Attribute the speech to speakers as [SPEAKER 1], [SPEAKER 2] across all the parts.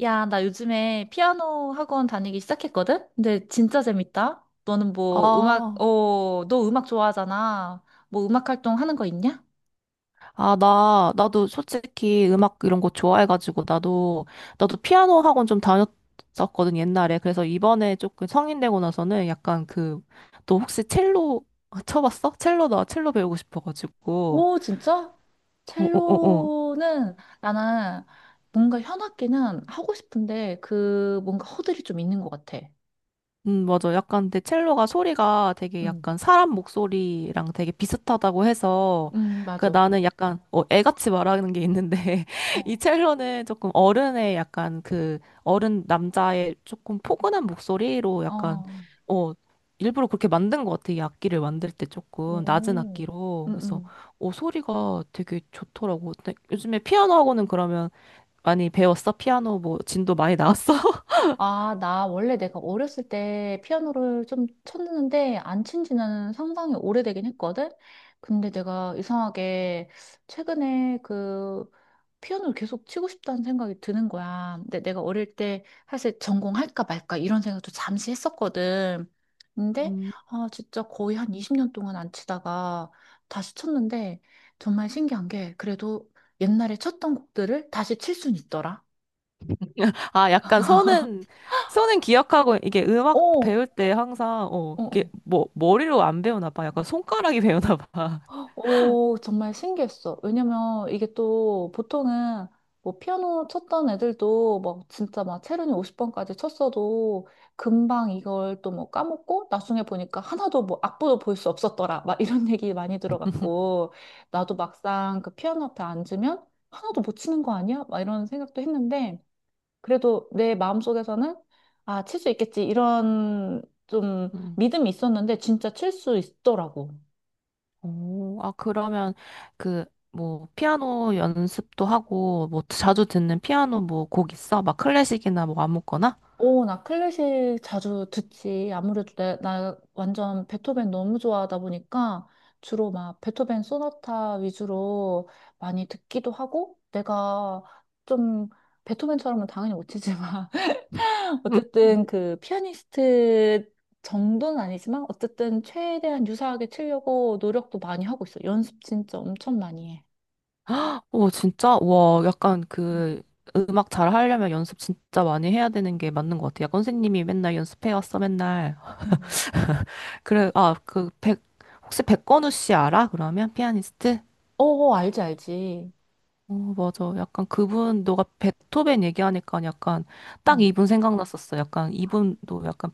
[SPEAKER 1] 야, 나 요즘에 피아노 학원 다니기 시작했거든? 근데 진짜 재밌다. 너는 뭐 음악,
[SPEAKER 2] 아,
[SPEAKER 1] 너 음악 좋아하잖아. 뭐 음악 활동 하는 거 있냐?
[SPEAKER 2] 아, 나도 솔직히 음악 이런 거 좋아해가지고, 나도 피아노 학원 좀 다녔었거든, 옛날에. 그래서 이번에 조금 성인 되고 나서는 약간 그, 너 혹시 첼로 쳐봤어? 첼로, 나 첼로 배우고 싶어가지고.
[SPEAKER 1] 오, 진짜?
[SPEAKER 2] 어, 어, 어, 어.
[SPEAKER 1] 첼로는 나는 뭔가 현악기는 하고 싶은데 그 뭔가 허들이 좀 있는 것 같아.
[SPEAKER 2] 맞아. 약간 근데 첼로가 소리가 되게
[SPEAKER 1] 응,
[SPEAKER 2] 약간 사람 목소리랑 되게 비슷하다고 해서
[SPEAKER 1] 응,
[SPEAKER 2] 그
[SPEAKER 1] 맞아.
[SPEAKER 2] 나는 약간 애같이 말하는 게 있는데 이
[SPEAKER 1] 어,
[SPEAKER 2] 첼로는 조금 어른의 약간 그 어른 남자의 조금 포근한 목소리로 약간
[SPEAKER 1] 어,
[SPEAKER 2] 어 일부러 그렇게 만든 것 같아. 이 악기를 만들 때 조금 낮은
[SPEAKER 1] 오,
[SPEAKER 2] 악기로.
[SPEAKER 1] 응,
[SPEAKER 2] 그래서
[SPEAKER 1] 응.
[SPEAKER 2] 소리가 되게 좋더라고. 근데 요즘에 피아노 하고는 그러면 많이 배웠어? 피아노 뭐 진도 많이 나왔어?
[SPEAKER 1] 아, 나 원래 내가 어렸을 때 피아노를 좀 쳤는데 안 친 지는 상당히 오래되긴 했거든? 근데 내가 이상하게 최근에 그 피아노를 계속 치고 싶다는 생각이 드는 거야. 근데 내가 어릴 때 사실 전공할까 말까 이런 생각도 잠시 했었거든. 근데
[SPEAKER 2] 음.
[SPEAKER 1] 아, 진짜 거의 한 20년 동안 안 치다가 다시 쳤는데 정말 신기한 게 그래도 옛날에 쳤던 곡들을 다시 칠 순 있더라.
[SPEAKER 2] 아, 약간 손은, 기억하고, 이게
[SPEAKER 1] 어,
[SPEAKER 2] 음악
[SPEAKER 1] 어.
[SPEAKER 2] 배울 때 항상, 이게
[SPEAKER 1] 어.
[SPEAKER 2] 뭐, 머리로 안 배우나 봐. 약간 손가락이 배우나 봐.
[SPEAKER 1] 오, 정말 신기했어. 왜냐면 이게 또 보통은 뭐 피아노 쳤던 애들도 막 진짜 막 체르니 50번까지 쳤어도 금방 이걸 또 뭐 까먹고 나중에 보니까 하나도 뭐 악보도 볼 수 없었더라. 막 이런 얘기 많이 들어갔고 나도 막상 그 피아노 앞에 앉으면 하나도 못 치는 거 아니야? 막 이런 생각도 했는데 그래도 내 마음속에서는 아, 칠 수 있겠지. 이런 좀
[SPEAKER 2] 음.
[SPEAKER 1] 믿음이 있었는데 진짜 칠 수 있더라고.
[SPEAKER 2] 오, 아, 그러면 그, 뭐, 피아노 연습도 하고, 뭐, 자주 듣는 피아노 뭐 곡 있어? 막 클래식이나 뭐 아무거나?
[SPEAKER 1] 오, 나 클래식 자주 듣지. 아무래도 내, 나 완전 베토벤 너무 좋아하다 보니까 주로 막 베토벤 소나타 위주로 많이 듣기도 하고 내가 좀 베토벤처럼은 당연히 못 치지만
[SPEAKER 2] 음.
[SPEAKER 1] 어쨌든 그 피아니스트 정도는 아니지만 어쨌든 최대한 유사하게 치려고 노력도 많이 하고 있어. 연습 진짜 엄청 많이 해.
[SPEAKER 2] 오, 진짜? 와, 약간
[SPEAKER 1] 음.
[SPEAKER 2] 그, 음악 잘 하려면 연습 진짜 많이 해야 되는 게 맞는 것 같아. 약간 선생님이 맨날 연습해 왔어, 맨날.
[SPEAKER 1] 음.
[SPEAKER 2] 그래, 아, 그, 혹시 백건우 씨 알아? 그러면? 피아니스트?
[SPEAKER 1] 어, 알지, 알지.
[SPEAKER 2] 어, 맞아. 약간 그분, 너가 베토벤 얘기하니까 약간 딱
[SPEAKER 1] 어.
[SPEAKER 2] 이분 생각났었어. 약간 이분도 약간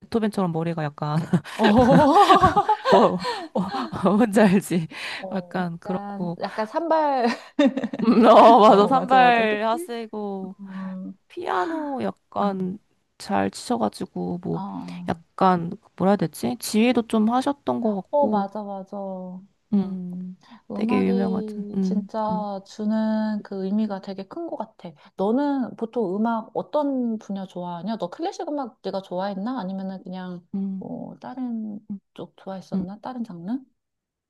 [SPEAKER 2] 베토벤처럼 머리가 약간,
[SPEAKER 1] 어.
[SPEAKER 2] 뭐, 뭐, 뭔지 알지?
[SPEAKER 1] 어,
[SPEAKER 2] 약간
[SPEAKER 1] 약간,
[SPEAKER 2] 그렇고.
[SPEAKER 1] 약간 산발.
[SPEAKER 2] 어, 맞아.
[SPEAKER 1] 어, 맞아, 맞아.
[SPEAKER 2] 산발
[SPEAKER 1] 그치?
[SPEAKER 2] 하시고,
[SPEAKER 1] 음,
[SPEAKER 2] 피아노
[SPEAKER 1] 어,
[SPEAKER 2] 약간 잘 치셔가지고, 뭐,
[SPEAKER 1] 어,
[SPEAKER 2] 약간, 뭐라 해야 되지? 지휘도 좀 하셨던 것
[SPEAKER 1] 어,
[SPEAKER 2] 같고,
[SPEAKER 1] 맞아, 맞아.
[SPEAKER 2] 음,
[SPEAKER 1] 음,
[SPEAKER 2] 되게 유명하죠.
[SPEAKER 1] 음악이 진짜 주는 그 의미가 되게 큰 것 같아. 너는 보통 음악 어떤 분야 좋아하냐? 너 클래식 음악 네가 좋아했나? 아니면은 그냥
[SPEAKER 2] 음,
[SPEAKER 1] 뭐 다른
[SPEAKER 2] 음.
[SPEAKER 1] 쪽
[SPEAKER 2] 음.
[SPEAKER 1] 좋아했었나? 다른 장르?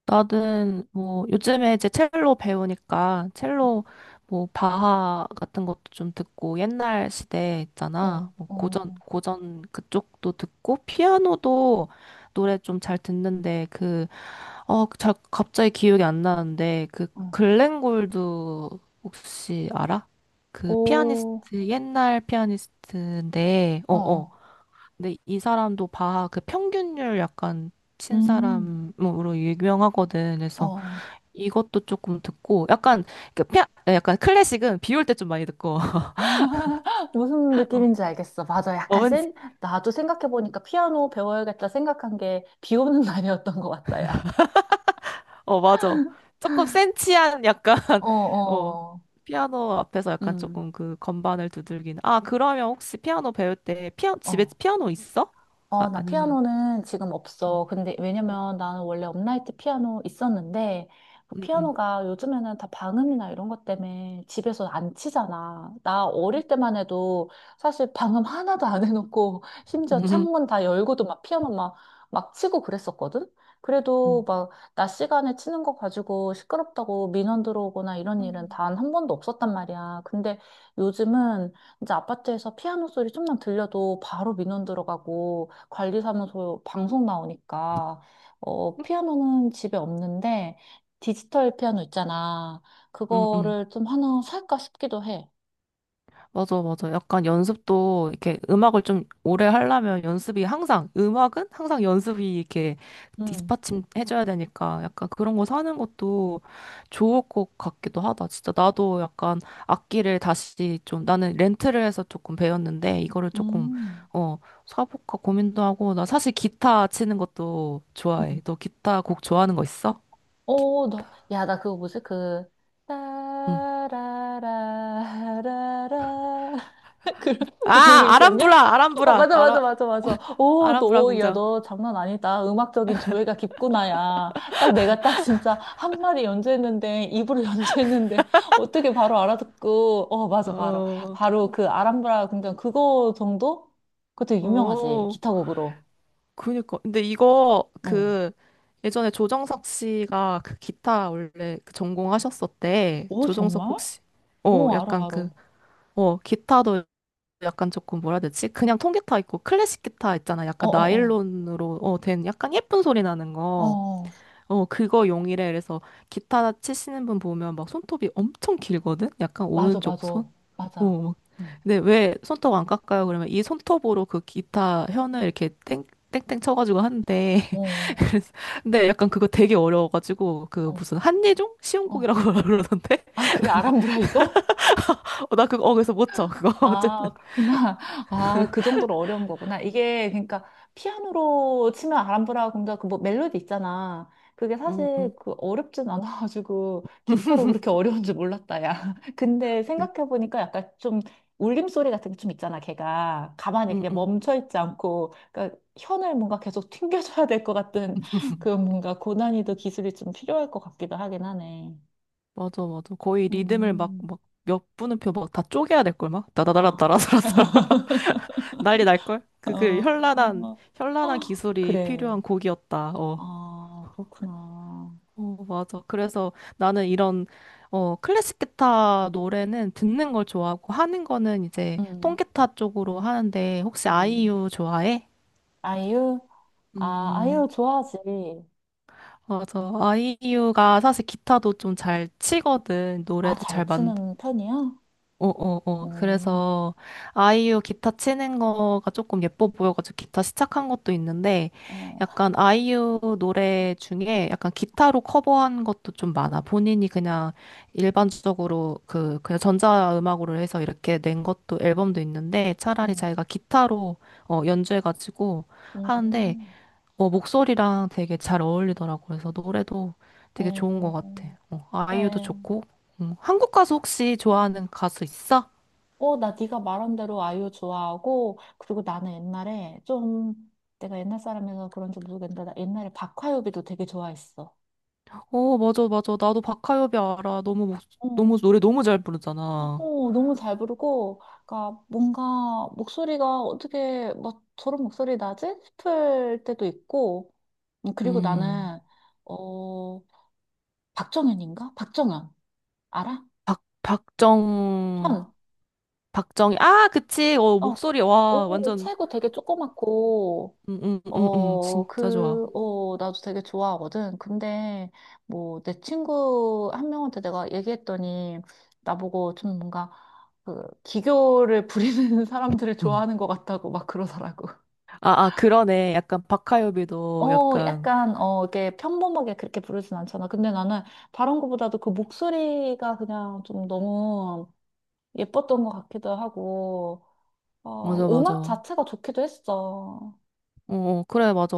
[SPEAKER 2] 나는 뭐 요즘에 이제 첼로 배우니까 첼로 뭐 바하 같은 것도 좀 듣고 옛날 시대
[SPEAKER 1] 어,
[SPEAKER 2] 있잖아. 뭐 고전
[SPEAKER 1] 어,
[SPEAKER 2] 고전 그쪽도 듣고 피아노도 노래 좀 잘 듣는데 그어잘 갑자기 기억이 안 나는데 그
[SPEAKER 1] 어,
[SPEAKER 2] 글렌 골드 혹시 알아? 그
[SPEAKER 1] 오,
[SPEAKER 2] 피아니스트 옛날 피아니스트인데
[SPEAKER 1] 어,
[SPEAKER 2] 어어
[SPEAKER 1] 어,
[SPEAKER 2] 근데 이 사람도 바하 그 평균율 약간 친
[SPEAKER 1] 음,
[SPEAKER 2] 사람으로 유명하거든.
[SPEAKER 1] 어.
[SPEAKER 2] 그래서
[SPEAKER 1] 어.
[SPEAKER 2] 이것도 조금 듣고 약간 그 피 약간 클래식은 비올 때 좀 많이 듣고
[SPEAKER 1] 무슨
[SPEAKER 2] 어,
[SPEAKER 1] 느낌인지 알겠어. 맞아.
[SPEAKER 2] 어,
[SPEAKER 1] 약간
[SPEAKER 2] 왠지
[SPEAKER 1] 센, 나도 생각해보니까 피아노 배워야겠다 생각한 게 비 오는 날이었던 것 같다, 야.
[SPEAKER 2] 어 맞아 조금 센치한 약간
[SPEAKER 1] 어,
[SPEAKER 2] 어
[SPEAKER 1] 어.
[SPEAKER 2] 피아노 앞에서 약간
[SPEAKER 1] 음,
[SPEAKER 2] 조금 그 건반을 두들기는 아 그러면 혹시 피아노 배울 때 피아 집에
[SPEAKER 1] 어.
[SPEAKER 2] 피아노 있어? 아
[SPEAKER 1] 어, 나
[SPEAKER 2] 아니면
[SPEAKER 1] 피아노는 지금
[SPEAKER 2] 어
[SPEAKER 1] 없어. 근데 왜냐면 나는 원래 업라이트 피아노 있었는데 그
[SPEAKER 2] 응응
[SPEAKER 1] 피아노가 요즘에는 다 방음이나 이런 것 때문에 집에서 안 치잖아. 나 어릴 때만 해도 사실 방음 하나도 안 해놓고 심지어 창문 다 열고도 막 피아노 막, 막 치고 그랬었거든? 그래도 막 낮 시간에 치는 거 가지고 시끄럽다고 민원 들어오거나 이런 일은 단 한 번도 없었단 말이야. 근데 요즘은 이제 아파트에서 피아노 소리 좀만 들려도 바로 민원 들어가고 관리사무소 방송 나오니까 어 피아노는 집에 없는데 디지털 피아노 있잖아.
[SPEAKER 2] 응응
[SPEAKER 1] 그거를 좀 하나 살까 싶기도 해.
[SPEAKER 2] 맞아, 맞아. 약간 연습도 이렇게 음악을 좀 오래 하려면 연습이 항상, 음악은 항상 연습이 이렇게
[SPEAKER 1] 음.
[SPEAKER 2] 뒷받침해줘야 되니까 약간 그런 거 사는 것도 좋을 것 같기도 하다. 진짜 나도 약간 악기를 다시 좀 나는 렌트를 해서 조금 배웠는데 이거를 조금,
[SPEAKER 1] 음.
[SPEAKER 2] 어, 사볼까 고민도 하고 나 사실 기타 치는 것도
[SPEAKER 1] 음.
[SPEAKER 2] 좋아해. 너 기타 곡 좋아하는 거 있어? 기-
[SPEAKER 1] 오, 나, 야, 나 그거 뭐지? 그,
[SPEAKER 2] 응.
[SPEAKER 1] 따라라라라라. 그런,
[SPEAKER 2] 아,
[SPEAKER 1] 그거 있지 않냐?
[SPEAKER 2] 아람브라,
[SPEAKER 1] 어,
[SPEAKER 2] 아람브라,
[SPEAKER 1] 맞아, 맞아,
[SPEAKER 2] 아라,
[SPEAKER 1] 맞아, 맞아. 오,
[SPEAKER 2] 아람브라
[SPEAKER 1] 너, 야,
[SPEAKER 2] 공장.
[SPEAKER 1] 너 장난 아니다. 음악적인 조예가 깊구나, 야. 딱 내가 딱 진짜 한 마디 연주했는데, 입으로 연주했는데, 어떻게 바로 알아듣고, 어, 맞아, 바로.
[SPEAKER 2] 어,
[SPEAKER 1] 바로 그 아람브라 궁전 그거 정도? 그거 되게 유명하지.
[SPEAKER 2] 어.
[SPEAKER 1] 기타곡으로.
[SPEAKER 2] 그니까. 근데 이거
[SPEAKER 1] 어.
[SPEAKER 2] 그 예전에 조정석 씨가 그 기타 원래 그 전공하셨었대.
[SPEAKER 1] 오,
[SPEAKER 2] 조정석
[SPEAKER 1] 정말?
[SPEAKER 2] 혹시 어
[SPEAKER 1] 오,
[SPEAKER 2] 약간
[SPEAKER 1] 알아, 알아.
[SPEAKER 2] 그
[SPEAKER 1] 어,
[SPEAKER 2] 어 기타도 약간 조금 뭐라 해야 되지? 그냥 통기타 있고 클래식 기타 있잖아.
[SPEAKER 1] 어,
[SPEAKER 2] 약간
[SPEAKER 1] 어.
[SPEAKER 2] 나일론으로 어된 약간 예쁜 소리 나는
[SPEAKER 1] 어.
[SPEAKER 2] 거.
[SPEAKER 1] 어.
[SPEAKER 2] 어 그거 용이래. 그래서 기타 치시는 분 보면 막 손톱이 엄청 길거든. 약간
[SPEAKER 1] 맞아,
[SPEAKER 2] 오른쪽
[SPEAKER 1] 맞아,
[SPEAKER 2] 손
[SPEAKER 1] 맞아.
[SPEAKER 2] 어,
[SPEAKER 1] 음.
[SPEAKER 2] 근데 왜 손톱 안 깎아요? 그러면 이 손톱으로 그 기타 현을 이렇게 땡, 땡땡 쳐가지고 하는데.
[SPEAKER 1] 어,
[SPEAKER 2] 그래서, 근데 약간 그거 되게 어려워가지고, 그
[SPEAKER 1] 어,
[SPEAKER 2] 무슨 한예종?
[SPEAKER 1] 어.
[SPEAKER 2] 시험곡이라고 그러던데?
[SPEAKER 1] 아, 그래, 아람브라 이거?
[SPEAKER 2] 어, 나 그거, 어, 그래서 못 쳐, 그거.
[SPEAKER 1] 아,
[SPEAKER 2] 어쨌든.
[SPEAKER 1] 그렇구나. 아, 그 정도로 어려운 거구나. 이게, 그러니까, 피아노로 치면 아람브라 공작, 그뭐 멜로디 있잖아. 그게
[SPEAKER 2] 응,
[SPEAKER 1] 사실
[SPEAKER 2] 응.
[SPEAKER 1] 그 어렵진 않아가지고, 기타로 그렇게 어려운 줄 몰랐다, 야. 근데
[SPEAKER 2] 응,
[SPEAKER 1] 생각해보니까 약간 좀 울림소리 같은 게 좀 있잖아, 걔가. 가만히
[SPEAKER 2] 응,
[SPEAKER 1] 그냥
[SPEAKER 2] 응.
[SPEAKER 1] 멈춰있지 않고, 그러니까 현을 뭔가 계속 튕겨줘야 될 것 같은 그 뭔가 고난이도 기술이 좀 필요할 것 같기도 하긴 하네.
[SPEAKER 2] 맞아, 맞아. 거의 리듬을 막,
[SPEAKER 1] 음.
[SPEAKER 2] 막, 몇 분음표 막 다 쪼개야 될걸, 막. 따다다라, 따라다
[SPEAKER 1] 아,
[SPEAKER 2] 라따라 난리 날걸? 그, 현란한,
[SPEAKER 1] 어,
[SPEAKER 2] 현란한
[SPEAKER 1] 어.
[SPEAKER 2] 기술이
[SPEAKER 1] 그래.
[SPEAKER 2] 필요한 곡이었다. 어.
[SPEAKER 1] 아, 그렇구나.
[SPEAKER 2] 어, 맞아. 그래서 나는 이런, 어, 클래식 기타 노래는 듣는 걸 좋아하고 하는 거는 이제
[SPEAKER 1] 음,
[SPEAKER 2] 통기타 쪽으로 하는데 혹시
[SPEAKER 1] 음.
[SPEAKER 2] 아이유 좋아해?
[SPEAKER 1] 아이유? 아,
[SPEAKER 2] 음,
[SPEAKER 1] 아이유 좋아하지.
[SPEAKER 2] 맞아. 아이유가 사실 기타도 좀 잘 치거든.
[SPEAKER 1] 아,
[SPEAKER 2] 노래도
[SPEAKER 1] 잘
[SPEAKER 2] 잘
[SPEAKER 1] 치는 편이야?
[SPEAKER 2] 어, 어, 어.
[SPEAKER 1] 음,
[SPEAKER 2] 그래서 아이유 기타 치는 거가 조금 예뻐 보여가지고 기타 시작한 것도 있는데
[SPEAKER 1] 어,
[SPEAKER 2] 약간 아이유 노래 중에 약간 기타로 커버한 것도 좀 많아. 본인이 그냥 일반적으로 그 그냥 전자음악으로 해서 이렇게 낸 것도 앨범도 있는데 차라리
[SPEAKER 1] 어,
[SPEAKER 2] 자기가 기타로 어, 연주해가지고 하는데
[SPEAKER 1] 음,
[SPEAKER 2] 어, 목소리랑 되게 잘 어울리더라고. 그래서 노래도 되게 좋은 것
[SPEAKER 1] 어,
[SPEAKER 2] 같아. 어, 아이유도
[SPEAKER 1] 그래.
[SPEAKER 2] 좋고. 음. 한국 가수 혹시 좋아하는 가수 있어?
[SPEAKER 1] 어, 나 네가 말한 대로 아이유 좋아하고, 그리고 나는 옛날에 좀, 내가 옛날 사람이라서 그런지 모르겠는데, 나 옛날에 박화요비도 되게 좋아했어.
[SPEAKER 2] 어, 맞아, 맞아. 나도 박하엽이 알아. 너무, 목, 너무, 노래 너무 잘 부르잖아.
[SPEAKER 1] 어, 너무 잘 부르고, 그러니까 뭔가 목소리가 어떻게 막 저런 목소리 나지? 싶을 때도 있고, 그리고
[SPEAKER 2] 음,
[SPEAKER 1] 나는, 어, 박정현인가? 박정현. 알아?
[SPEAKER 2] 박, 박정,
[SPEAKER 1] 현.
[SPEAKER 2] 박정희. 아, 그치. 어,
[SPEAKER 1] 어,
[SPEAKER 2] 목소리, 와,
[SPEAKER 1] 오,
[SPEAKER 2] 완전,
[SPEAKER 1] 체구 되게 조그맣고,
[SPEAKER 2] 응, 응, 응, 응.
[SPEAKER 1] 어,
[SPEAKER 2] 진짜 좋아.
[SPEAKER 1] 그, 어, 나도 되게 좋아하거든. 근데, 뭐, 내 친구 한 명한테 내가 얘기했더니, 나보고 좀 뭔가, 그, 기교를 부리는 사람들을
[SPEAKER 2] 음.
[SPEAKER 1] 좋아하는 것 같다고 막 그러더라고.
[SPEAKER 2] 아, 아, 그러네. 약간 박하엽이도
[SPEAKER 1] 어,
[SPEAKER 2] 약간,
[SPEAKER 1] 약간, 어, 이게 평범하게 그렇게 부르진 않잖아. 근데 나는 바른것보다도 그 목소리가 그냥 좀 너무 예뻤던 것 같기도 하고, 어,
[SPEAKER 2] 맞아, 맞아.
[SPEAKER 1] 음악 자체가 좋기도 했어.
[SPEAKER 2] 어, 그래, 맞아.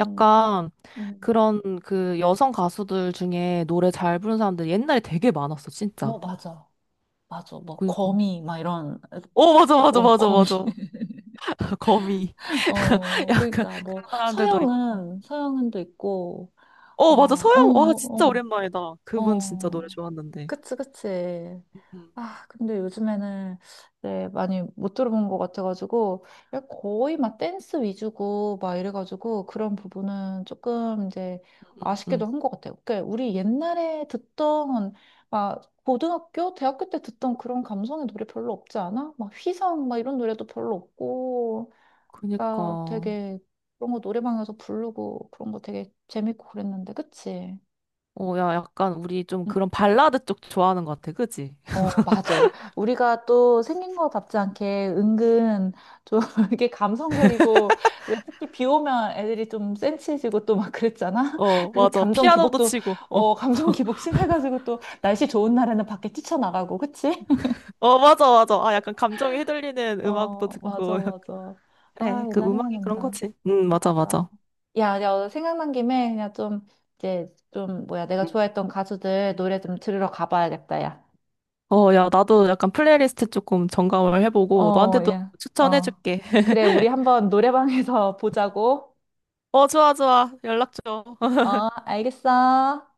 [SPEAKER 1] 음, 음.
[SPEAKER 2] 그런 그 여성 가수들 중에 노래 잘 부르는 사람들 옛날에 되게 많았어,
[SPEAKER 1] 어,
[SPEAKER 2] 진짜.
[SPEAKER 1] 맞아. 맞아. 뭐
[SPEAKER 2] 그니까.
[SPEAKER 1] 거미 막 이런
[SPEAKER 2] 어, 맞아, 맞아,
[SPEAKER 1] 어
[SPEAKER 2] 맞아,
[SPEAKER 1] 거미.
[SPEAKER 2] 맞아. 거미.
[SPEAKER 1] 어
[SPEAKER 2] 약간
[SPEAKER 1] 그러니까 뭐
[SPEAKER 2] 그런 사람들도 있고.
[SPEAKER 1] 서영은도 있고
[SPEAKER 2] 어, 맞아. 서영, 와, 진짜
[SPEAKER 1] 어어어어
[SPEAKER 2] 오랜만이다. 그분 진짜 노래 좋았는데.
[SPEAKER 1] 그치, 그치.
[SPEAKER 2] 응,
[SPEAKER 1] 아, 근데 요즘에는 이제 많이 못 들어본 것 같아가지고, 야, 거의 막 댄스 위주고, 막 이래가지고, 그런 부분은 조금 이제
[SPEAKER 2] 응, 응.
[SPEAKER 1] 아쉽기도 한 것 같아요. 그러니까 우리 옛날에 듣던, 막, 고등학교, 대학교 때 듣던 그런 감성의 노래 별로 없지 않아? 막 휘성, 막 이런 노래도 별로 없고, 아,
[SPEAKER 2] 그니까.
[SPEAKER 1] 되게 그런 거 노래방에서 부르고, 그런 거 되게 재밌고 그랬는데, 그치?
[SPEAKER 2] 어, 야, 약간 우리 좀
[SPEAKER 1] 응,
[SPEAKER 2] 그런 발라드 쪽 좋아하는 것 같아, 그지?
[SPEAKER 1] 어, 맞아. 우리가 또 생긴 거답지 않게 은근 좀 이렇게 감성적이고 특히 비 오면 애들이 좀 센치해지고 또 막 그랬잖아.
[SPEAKER 2] 어,
[SPEAKER 1] 그
[SPEAKER 2] 맞아.
[SPEAKER 1] 감정
[SPEAKER 2] 피아노도
[SPEAKER 1] 기복도
[SPEAKER 2] 치고. 어,
[SPEAKER 1] 어, 감정 기복 심해가지고 또 날씨 좋은 날에는 밖에 뛰쳐나가고, 그치?
[SPEAKER 2] 어, 맞아, 맞아. 아, 약간 감정이 휘둘리는 음악도
[SPEAKER 1] 어, 맞아,
[SPEAKER 2] 듣고.
[SPEAKER 1] 맞아.
[SPEAKER 2] 그래,
[SPEAKER 1] 아,
[SPEAKER 2] 그
[SPEAKER 1] 옛날
[SPEAKER 2] 음악이 그런
[SPEAKER 1] 생각난다.
[SPEAKER 2] 거지. 응, 맞아,
[SPEAKER 1] 맞아.
[SPEAKER 2] 맞아.
[SPEAKER 1] 야, 야, 생각난 김에 그냥 좀 이제 좀 뭐야 내가
[SPEAKER 2] 음.
[SPEAKER 1] 좋아했던 가수들 노래 좀 들으러 가봐야겠다, 야.
[SPEAKER 2] 어, 야, 나도 약간 플레이리스트 조금 점검을 해보고
[SPEAKER 1] 어,
[SPEAKER 2] 너한테도
[SPEAKER 1] 예. 어.
[SPEAKER 2] 추천해줄게.
[SPEAKER 1] 그래, 우리 한번 노래방에서 보자고.
[SPEAKER 2] 어, 좋아, 좋아. 연락 줘.
[SPEAKER 1] 어, 알겠어.